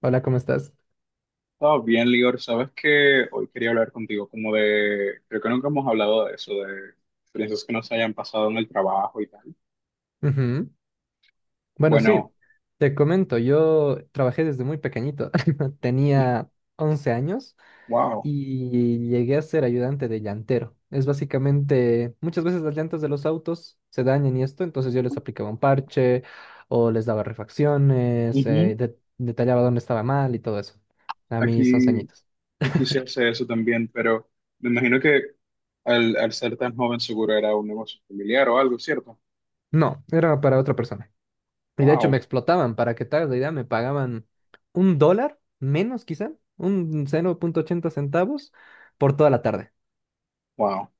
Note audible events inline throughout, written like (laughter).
Hola, ¿cómo estás? Estaba bien, Lior. Sabes que hoy quería hablar contigo creo que nunca hemos hablado de eso, de experiencias que nos hayan pasado en el trabajo y tal. Ujú. Bueno, sí, Bueno, te comento, yo trabajé desde muy pequeñito, (laughs) tenía 11 años wow. y llegué a ser ayudante de llantero. Es básicamente, muchas veces las llantas de los autos se dañan y esto, entonces yo les aplicaba un parche o les daba refacciones, Ujú. Detallaba dónde estaba mal y todo eso, a mis 11 Aquí, añitos. aquí se (laughs) hace eso también, pero me imagino que al ser tan joven seguro era un negocio familiar o algo, ¿cierto? No, era para otra persona. Y de hecho me Wow, explotaban, para que te hagas la idea, me pagaban un dólar menos quizá, un 0,80 centavos por toda la tarde. wow.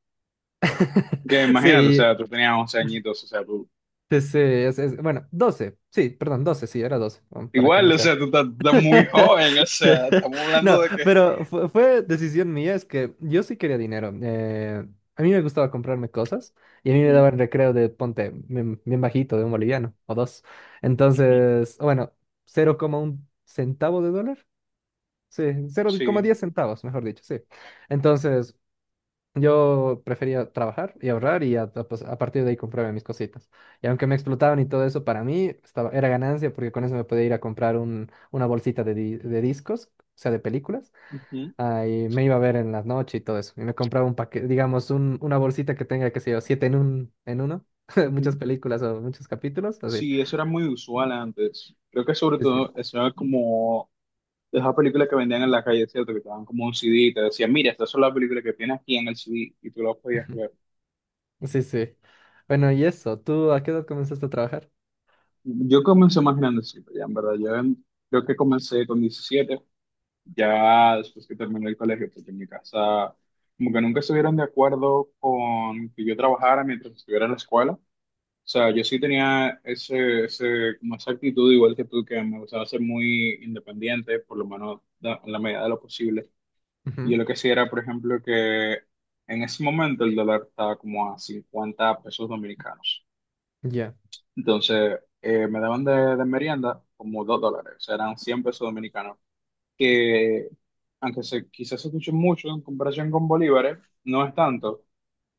(laughs) Que imagínate, o Sí, sea, tú tenías 11 añitos, o sea, tú, sí, bueno, 12 sí, perdón, 12 sí, era 12 para que igual, no o sea. sea, tú estás, estás muy joven, (laughs) o sea, estamos hablando No, de que... pero fue decisión mía, es que yo sí quería dinero. A mí me gustaba comprarme cosas y a mí me Ujú, daban recreo de, ponte, bien, bien bajito, de un boliviano o dos. ujú. Entonces, bueno, 0,1 centavo de dólar. Sí, cero coma Sí. diez centavos, mejor dicho, sí. Entonces, yo prefería trabajar y ahorrar pues, a partir de ahí comprarme mis cositas. Y aunque me explotaban y todo eso, para mí era ganancia porque con eso me podía ir a comprar una bolsita de, de discos, o sea, de películas, Ujú, ah, y me iba a ver en la noche y todo eso. Y me compraba un paquete, digamos, una bolsita que tenga, qué sé yo, siete en uno, (laughs) ujú. muchas películas o muchos capítulos, así. Sí, eso era muy usual antes. Creo que sobre Sí, sí. todo (laughs) eso era como de esas películas que vendían en la calle, ¿cierto? Que te daban como un CD y te decían, mira, estas son las películas que tienes aquí en el CD y tú las podías Ujú. ver. Sí, sí. Bueno, y eso, ¿tú a qué edad comenzaste a trabajar? Yo comencé más grandecito, ya en verdad. Creo que comencé con 17, ya después que terminé el colegio, porque en mi casa como que nunca estuvieron de acuerdo con que yo trabajara mientras estuviera en la escuela. O sea, yo sí tenía como esa actitud igual que tú, que me gustaba ser muy independiente, por lo menos en la medida de lo posible. Y yo Ujú. lo que sí era, por ejemplo, que en ese momento el dólar estaba como a 50 pesos dominicanos. Ya, Entonces, me daban de merienda como 2 dólares, o sea, eran 100 pesos dominicanos, que aunque se, quizás se escuche mucho en comparación con bolívares, no es tanto.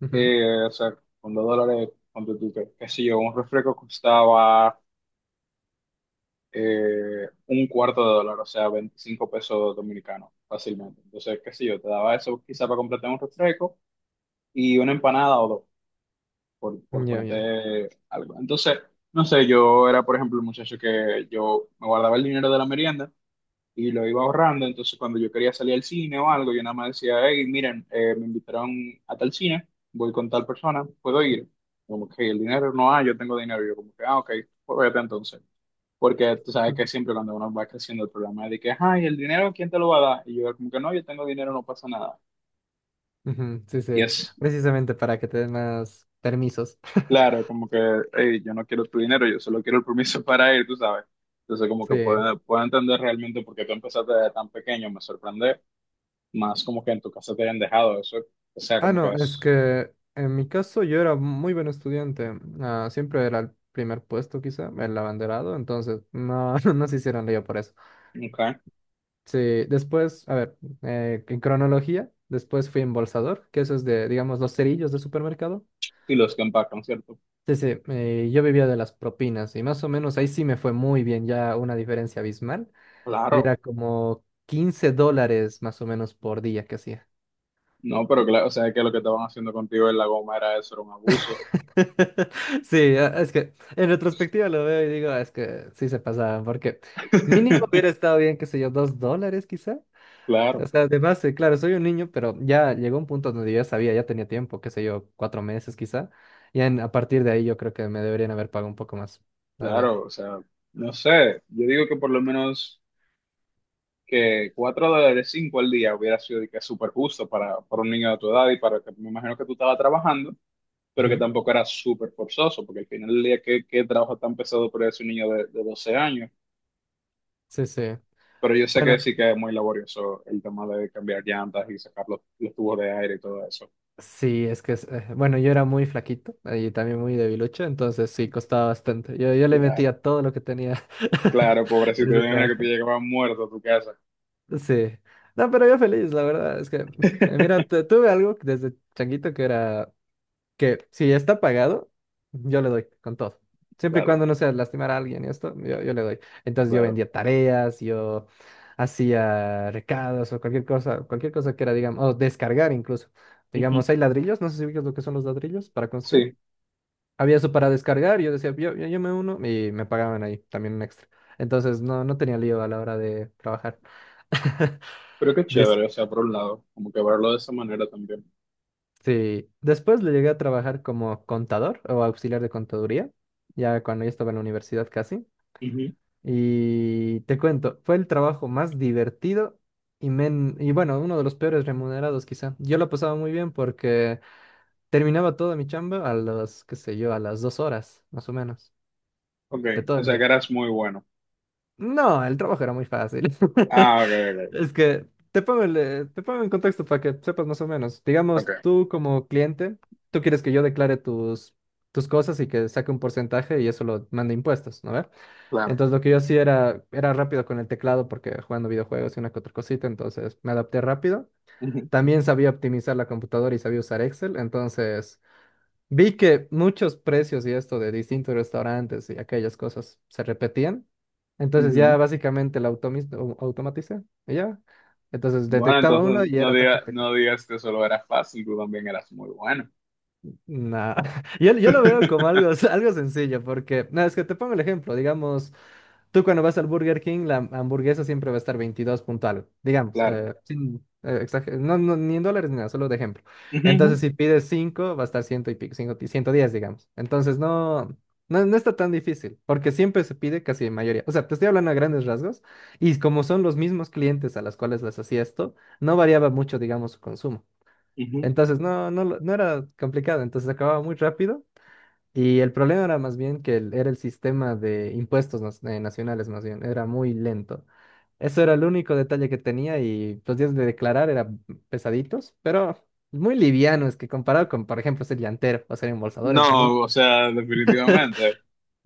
ujú, O sea, con 2 dólares, ponte tú, qué sé yo, un refresco costaba un cuarto de dólar, o sea, 25 pesos dominicanos, fácilmente. Entonces, qué sé yo, te daba eso quizá para completar un refresco y una empanada o dos, por ya, ya. ponerte algo. Entonces, no sé, yo era, por ejemplo, el muchacho que yo me guardaba el dinero de la merienda y lo iba ahorrando, entonces cuando yo quería salir al cine o algo, yo nada más decía, hey, miren, me invitaron a tal cine, voy con tal persona, ¿puedo ir? Como que el dinero no hay, yo tengo dinero. Yo como que, ah, ok, pues vete entonces. Porque tú sabes que Mm, siempre cuando uno va creciendo el problema es de que, ay, el dinero, ¿quién te lo va a dar? Y yo como que no, yo tengo dinero, no pasa nada. ujú, sí, Y sí. es Precisamente para que te den más permisos. claro, (laughs) como que, "Ey, yo no quiero tu dinero, yo solo quiero el permiso (laughs) para ir, tú sabes. Entonces como que Sí. puedo entender realmente por qué tú empezaste desde tan pequeño, me sorprende más como que en tu casa te hayan dejado eso. O sea, Ah, como no, que es es, que en mi caso yo era muy buen estudiante. Ah, siempre era el primer puesto, quizá, el abanderado. Entonces, no, (laughs) no se hicieron lío por eso. ok, Sí, después, a ver, en cronología, después fui embolsador, que eso es de, digamos, los cerillos de supermercado. y los que empacan, ¿cierto? Sí, sí, yo vivía de las propinas y más o menos ahí sí me fue muy bien, ya una diferencia abismal. Y Claro, era como $15 más o menos por día que hacía. no, pero claro, o sea, que lo que estaban haciendo contigo en la goma era eso, era un abuso, (laughs) Sí, es que en retrospectiva lo veo y digo, es que sí se pasaban, porque mínimo (laughs) hubiera estado bien, qué sé yo, $2 quizá. O claro. sea, además, claro, soy un niño, pero ya llegó un punto donde yo ya sabía, ya tenía tiempo, qué sé yo, 4 meses quizá. A partir de ahí yo creo que me deberían haber pagado un poco más, la verdad. Claro, o sea, no sé, yo digo que por lo menos que 4 dólares 5 al día hubiera sido de que súper justo para un niño de tu edad y para que me imagino que tú estabas trabajando, pero que Ujú. tampoco era súper forzoso, porque al final del día, ¿qué, qué trabajo tan pesado para ese niño de 12 años? Sí, sí. Pero yo sé que Bueno. sí que es muy laborioso el tema de cambiar llantas y sacar los tubos de aire y todo eso. Sí, bueno, yo era muy flaquito y también muy debilucho, entonces sí, costaba bastante. Yo le Claro, metía todo lo que tenía (laughs) claro, en pobrecito, yo ese me imagino que tú trabajo. llegabas muerto a tu casa. Sí. No, pero yo feliz, la verdad. Mira, (laughs) tuve algo desde changuito que era que si ya está pagado, yo le doy con todo. Siempre y Claro, cuando no sea lastimar a alguien y esto, yo le doy. Entonces yo claro. vendía tareas, yo hacía recados o cualquier cosa que era, digamos, o descargar incluso. Ujú. Digamos, hay ladrillos, no sé si ubicas lo que son los ladrillos para construir. Sí, Había eso para descargar, yo decía, yo me uno y me pagaban ahí también un extra. Entonces no, no tenía lío a la hora de trabajar. (laughs) pero qué Des- chévere, o sea, por un lado, como que verlo de esa manera también. Sí, después le llegué a trabajar como contador o auxiliar de contaduría, ya cuando ya estaba en la universidad casi. Ujú. Y te cuento, fue el trabajo más divertido y, y bueno, uno de los peores remunerados quizá. Yo lo pasaba muy bien porque terminaba toda mi chamba a las, qué sé yo, a las 2 horas, más o menos, Ok, de todo o el sea que día. eras muy bueno. No, el trabajo era muy fácil. (laughs) Ah, ok, Es que te pongo, te pongo en contexto para que sepas más o menos. ok, Digamos, ok, tú como cliente, tú quieres que yo declare tus cosas y que saque un porcentaje y eso lo mande a impuestos, ¿no ve? claro. Entonces lo que yo hacía era rápido con el teclado porque jugando videojuegos y una que otra cosita, entonces me adapté rápido. Ujú, También sabía optimizar la computadora y sabía usar Excel, entonces vi que muchos precios y esto de distintos restaurantes y aquellas cosas se repetían. Entonces ya ujú. básicamente automaticé y ya. Entonces Bueno, detectaba uno entonces y era tac, tac, tac, tac. no digas que solo eras fácil, tú también eras muy bueno. No, (laughs) yo lo veo como (laughs) algo, (laughs) algo sencillo, porque, no, es que te pongo el ejemplo, digamos, tú cuando vas al Burger King, la hamburguesa siempre va a estar 22 punto algo digamos, Claro. Sin, no, no, ni en dólares ni nada, solo de ejemplo. Ujú, ujú, Entonces, si pides 5 va a estar ciento y pico, 5 y 110, digamos. Entonces, no está tan difícil, porque siempre se pide casi en mayoría. O sea, te estoy hablando a grandes rasgos, y como son los mismos clientes a los cuales les hacía esto, no variaba mucho, digamos, su consumo. ujú. Entonces, no era complicado, entonces acababa muy rápido y el problema era más bien que era el sistema de impuestos nacionales, más bien, era muy lento. Eso era el único detalle que tenía y los días de declarar eran pesaditos, pero muy livianos, que comparado con, por ejemplo, ser llantero o ser embolsador es muy... No, o sea, definitivamente.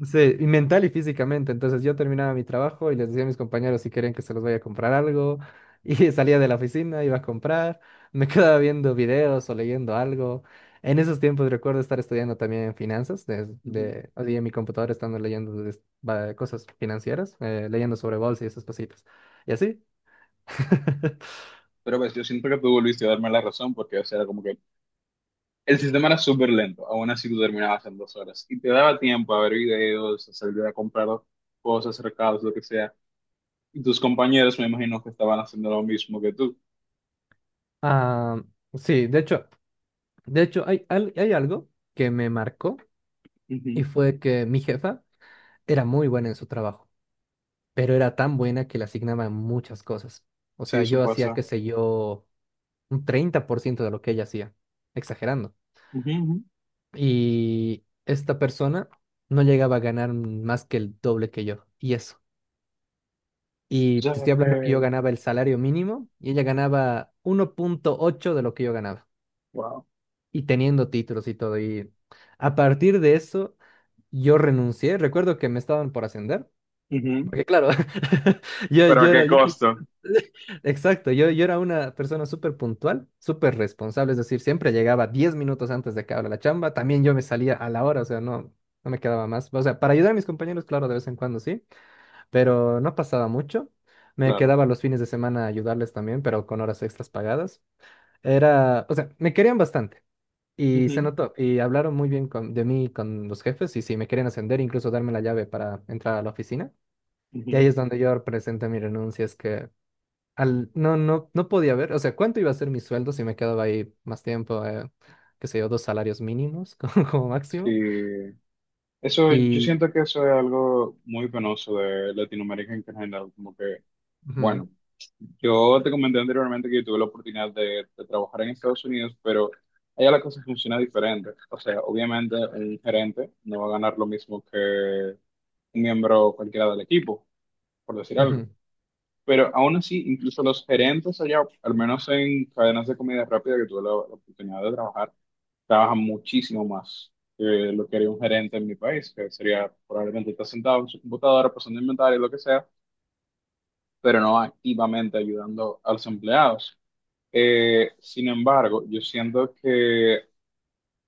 Sí, y mental y físicamente. Entonces yo terminaba mi trabajo y les decía a mis compañeros si querían que se los vaya a comprar algo. Y (laughs) salía de la oficina, iba a comprar, me (laughs) quedaba viendo videos o leyendo algo. En esos tiempos recuerdo estar estudiando también finanzas, Ujú. O sea, en mi computadora estando leyendo cosas financieras, leyendo sobre bolsa y esas cositas. Y así. (laughs) Pero pues yo siento que tú volviste a darme la razón porque, o sea, era como que el sistema era súper lento, aún así tú terminabas en 2 horas y te daba tiempo a ver videos, a salir a comprar cosas, recados, lo que sea. Y tus compañeros me imagino que estaban haciendo lo mismo que tú. Ah, sí, de hecho hay algo que me marcó y Ujú, fue que mi jefa era muy buena en su trabajo. Pero era tan buena que le asignaban muchas cosas. O sí, sea, eso yo hacía, pasa. qué sé yo, un 30% de lo que ella hacía, exagerando. Ujú, ujú. Y esta persona no llegaba a ganar más que el doble que yo, y eso. Y te Ya, estoy hablando que yo ganaba el salario mínimo y ella ganaba 1,8 de lo que yo ganaba, wow. y teniendo títulos y todo. Y a partir de eso, yo renuncié. Recuerdo que me estaban por ascender. Ujú, Porque claro, (laughs) pero a qué yo soy- costo, (laughs) exacto, yo era una persona súper puntual, súper responsable, es decir, siempre llegaba 10 minutos antes de que abra la chamba, también yo me salía a la hora, o sea, no, no me quedaba más, o sea, para ayudar a mis compañeros, claro, de vez en cuando sí, pero no pasaba mucho, me claro. quedaba los fines de semana a ayudarles también, pero con horas extras pagadas, era, o sea, me querían bastante. Y se Ujú, notó, y hablaron muy bien de mí con los jefes, y sí, me querían ascender, incluso darme la llave para entrar a la oficina. Y ujú. ahí es donde yo presenté mi renuncia, es que no, no podía ver, o sea, cuánto iba a ser mi sueldo si me quedaba ahí más tiempo, qué sé yo, 2 salarios mínimos (laughs) como, como máximo. Sí. Eso, yo Y siento que eso es algo muy penoso de Latinoamérica en general. Como que, ujú, bueno, yo te comenté anteriormente que yo tuve la oportunidad de trabajar en Estados Unidos, pero allá la cosa funciona diferente. O sea, obviamente un gerente no va a ganar lo mismo que un miembro cualquiera del equipo, por decir algo. ujú, Pero aún así, incluso los gerentes allá, al menos en cadenas de comida rápida que tuve la oportunidad de trabajar, trabajan muchísimo más que lo que haría un gerente en mi país, que sería probablemente estar sentado en su computadora, pasando inventario, lo que sea, pero no activamente ayudando a los empleados. Sin embargo, yo siento que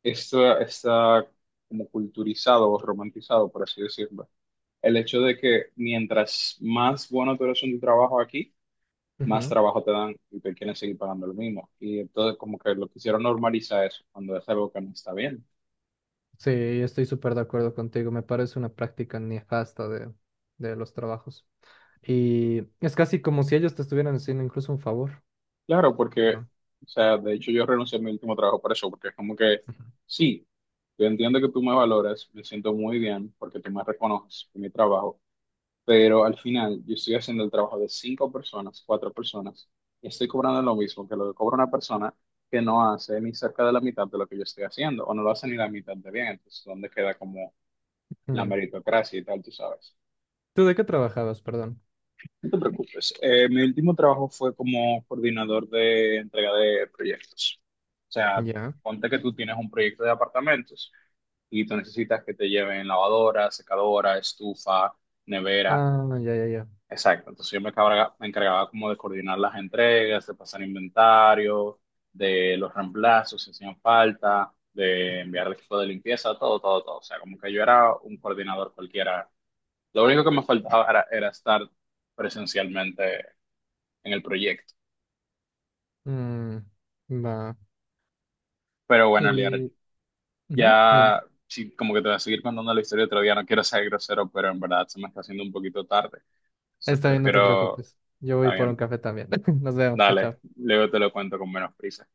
esto está como culturizado o romantizado, por así decirlo. El hecho de que mientras más bueno tú eres en tu trabajo aquí, más ujú. trabajo te dan y te quieren seguir pagando lo mismo. Y entonces como que lo quisieron normalizar eso cuando es algo que no está bien. Sí, estoy súper de acuerdo contigo, me parece una práctica nefasta de los trabajos. Y es casi como si ellos te estuvieran haciendo incluso un favor. Claro, porque, ¿No? o sea, de hecho yo renuncié a mi último trabajo por eso, porque es como que, Ujú. sí, yo entiendo que tú me valoras, me siento muy bien porque tú me reconoces por mi trabajo, pero al final yo estoy haciendo el trabajo de cinco personas, cuatro personas, y estoy cobrando lo mismo que lo que cobra una persona que no hace ni cerca de la mitad de lo que yo estoy haciendo, o no lo hace ni la mitad de bien, entonces, ¿dónde queda como la Mm. meritocracia y tal, tú sabes? ¿Tú de qué trabajabas, perdón? No te preocupes. Mi último trabajo fue como coordinador de entrega de proyectos. O sea, Ya. ponte que tú tienes un proyecto de apartamentos y tú necesitas que te lleven lavadora, secadora, estufa, nevera. Ah, ya, ya, ya. Exacto. Entonces me encargaba, como de coordinar las entregas, de pasar inventario, de los reemplazos si hacían falta, de enviar el equipo de limpieza, todo, todo, todo. O sea, como que yo era un coordinador cualquiera. Lo único que me faltaba era estar presencialmente en el proyecto. Mm, va. Pero bueno, Liar, Y... ujú, dime. ya sí, como que te voy a seguir contando la historia otro día. No quiero ser grosero, pero en verdad se me está haciendo un poquito tarde. Entonces Está bien, no te prefiero, preocupes. Yo voy está por un bien, café también. (laughs) Nos vemos, chao, dale, chao. luego te lo cuento con menos prisa.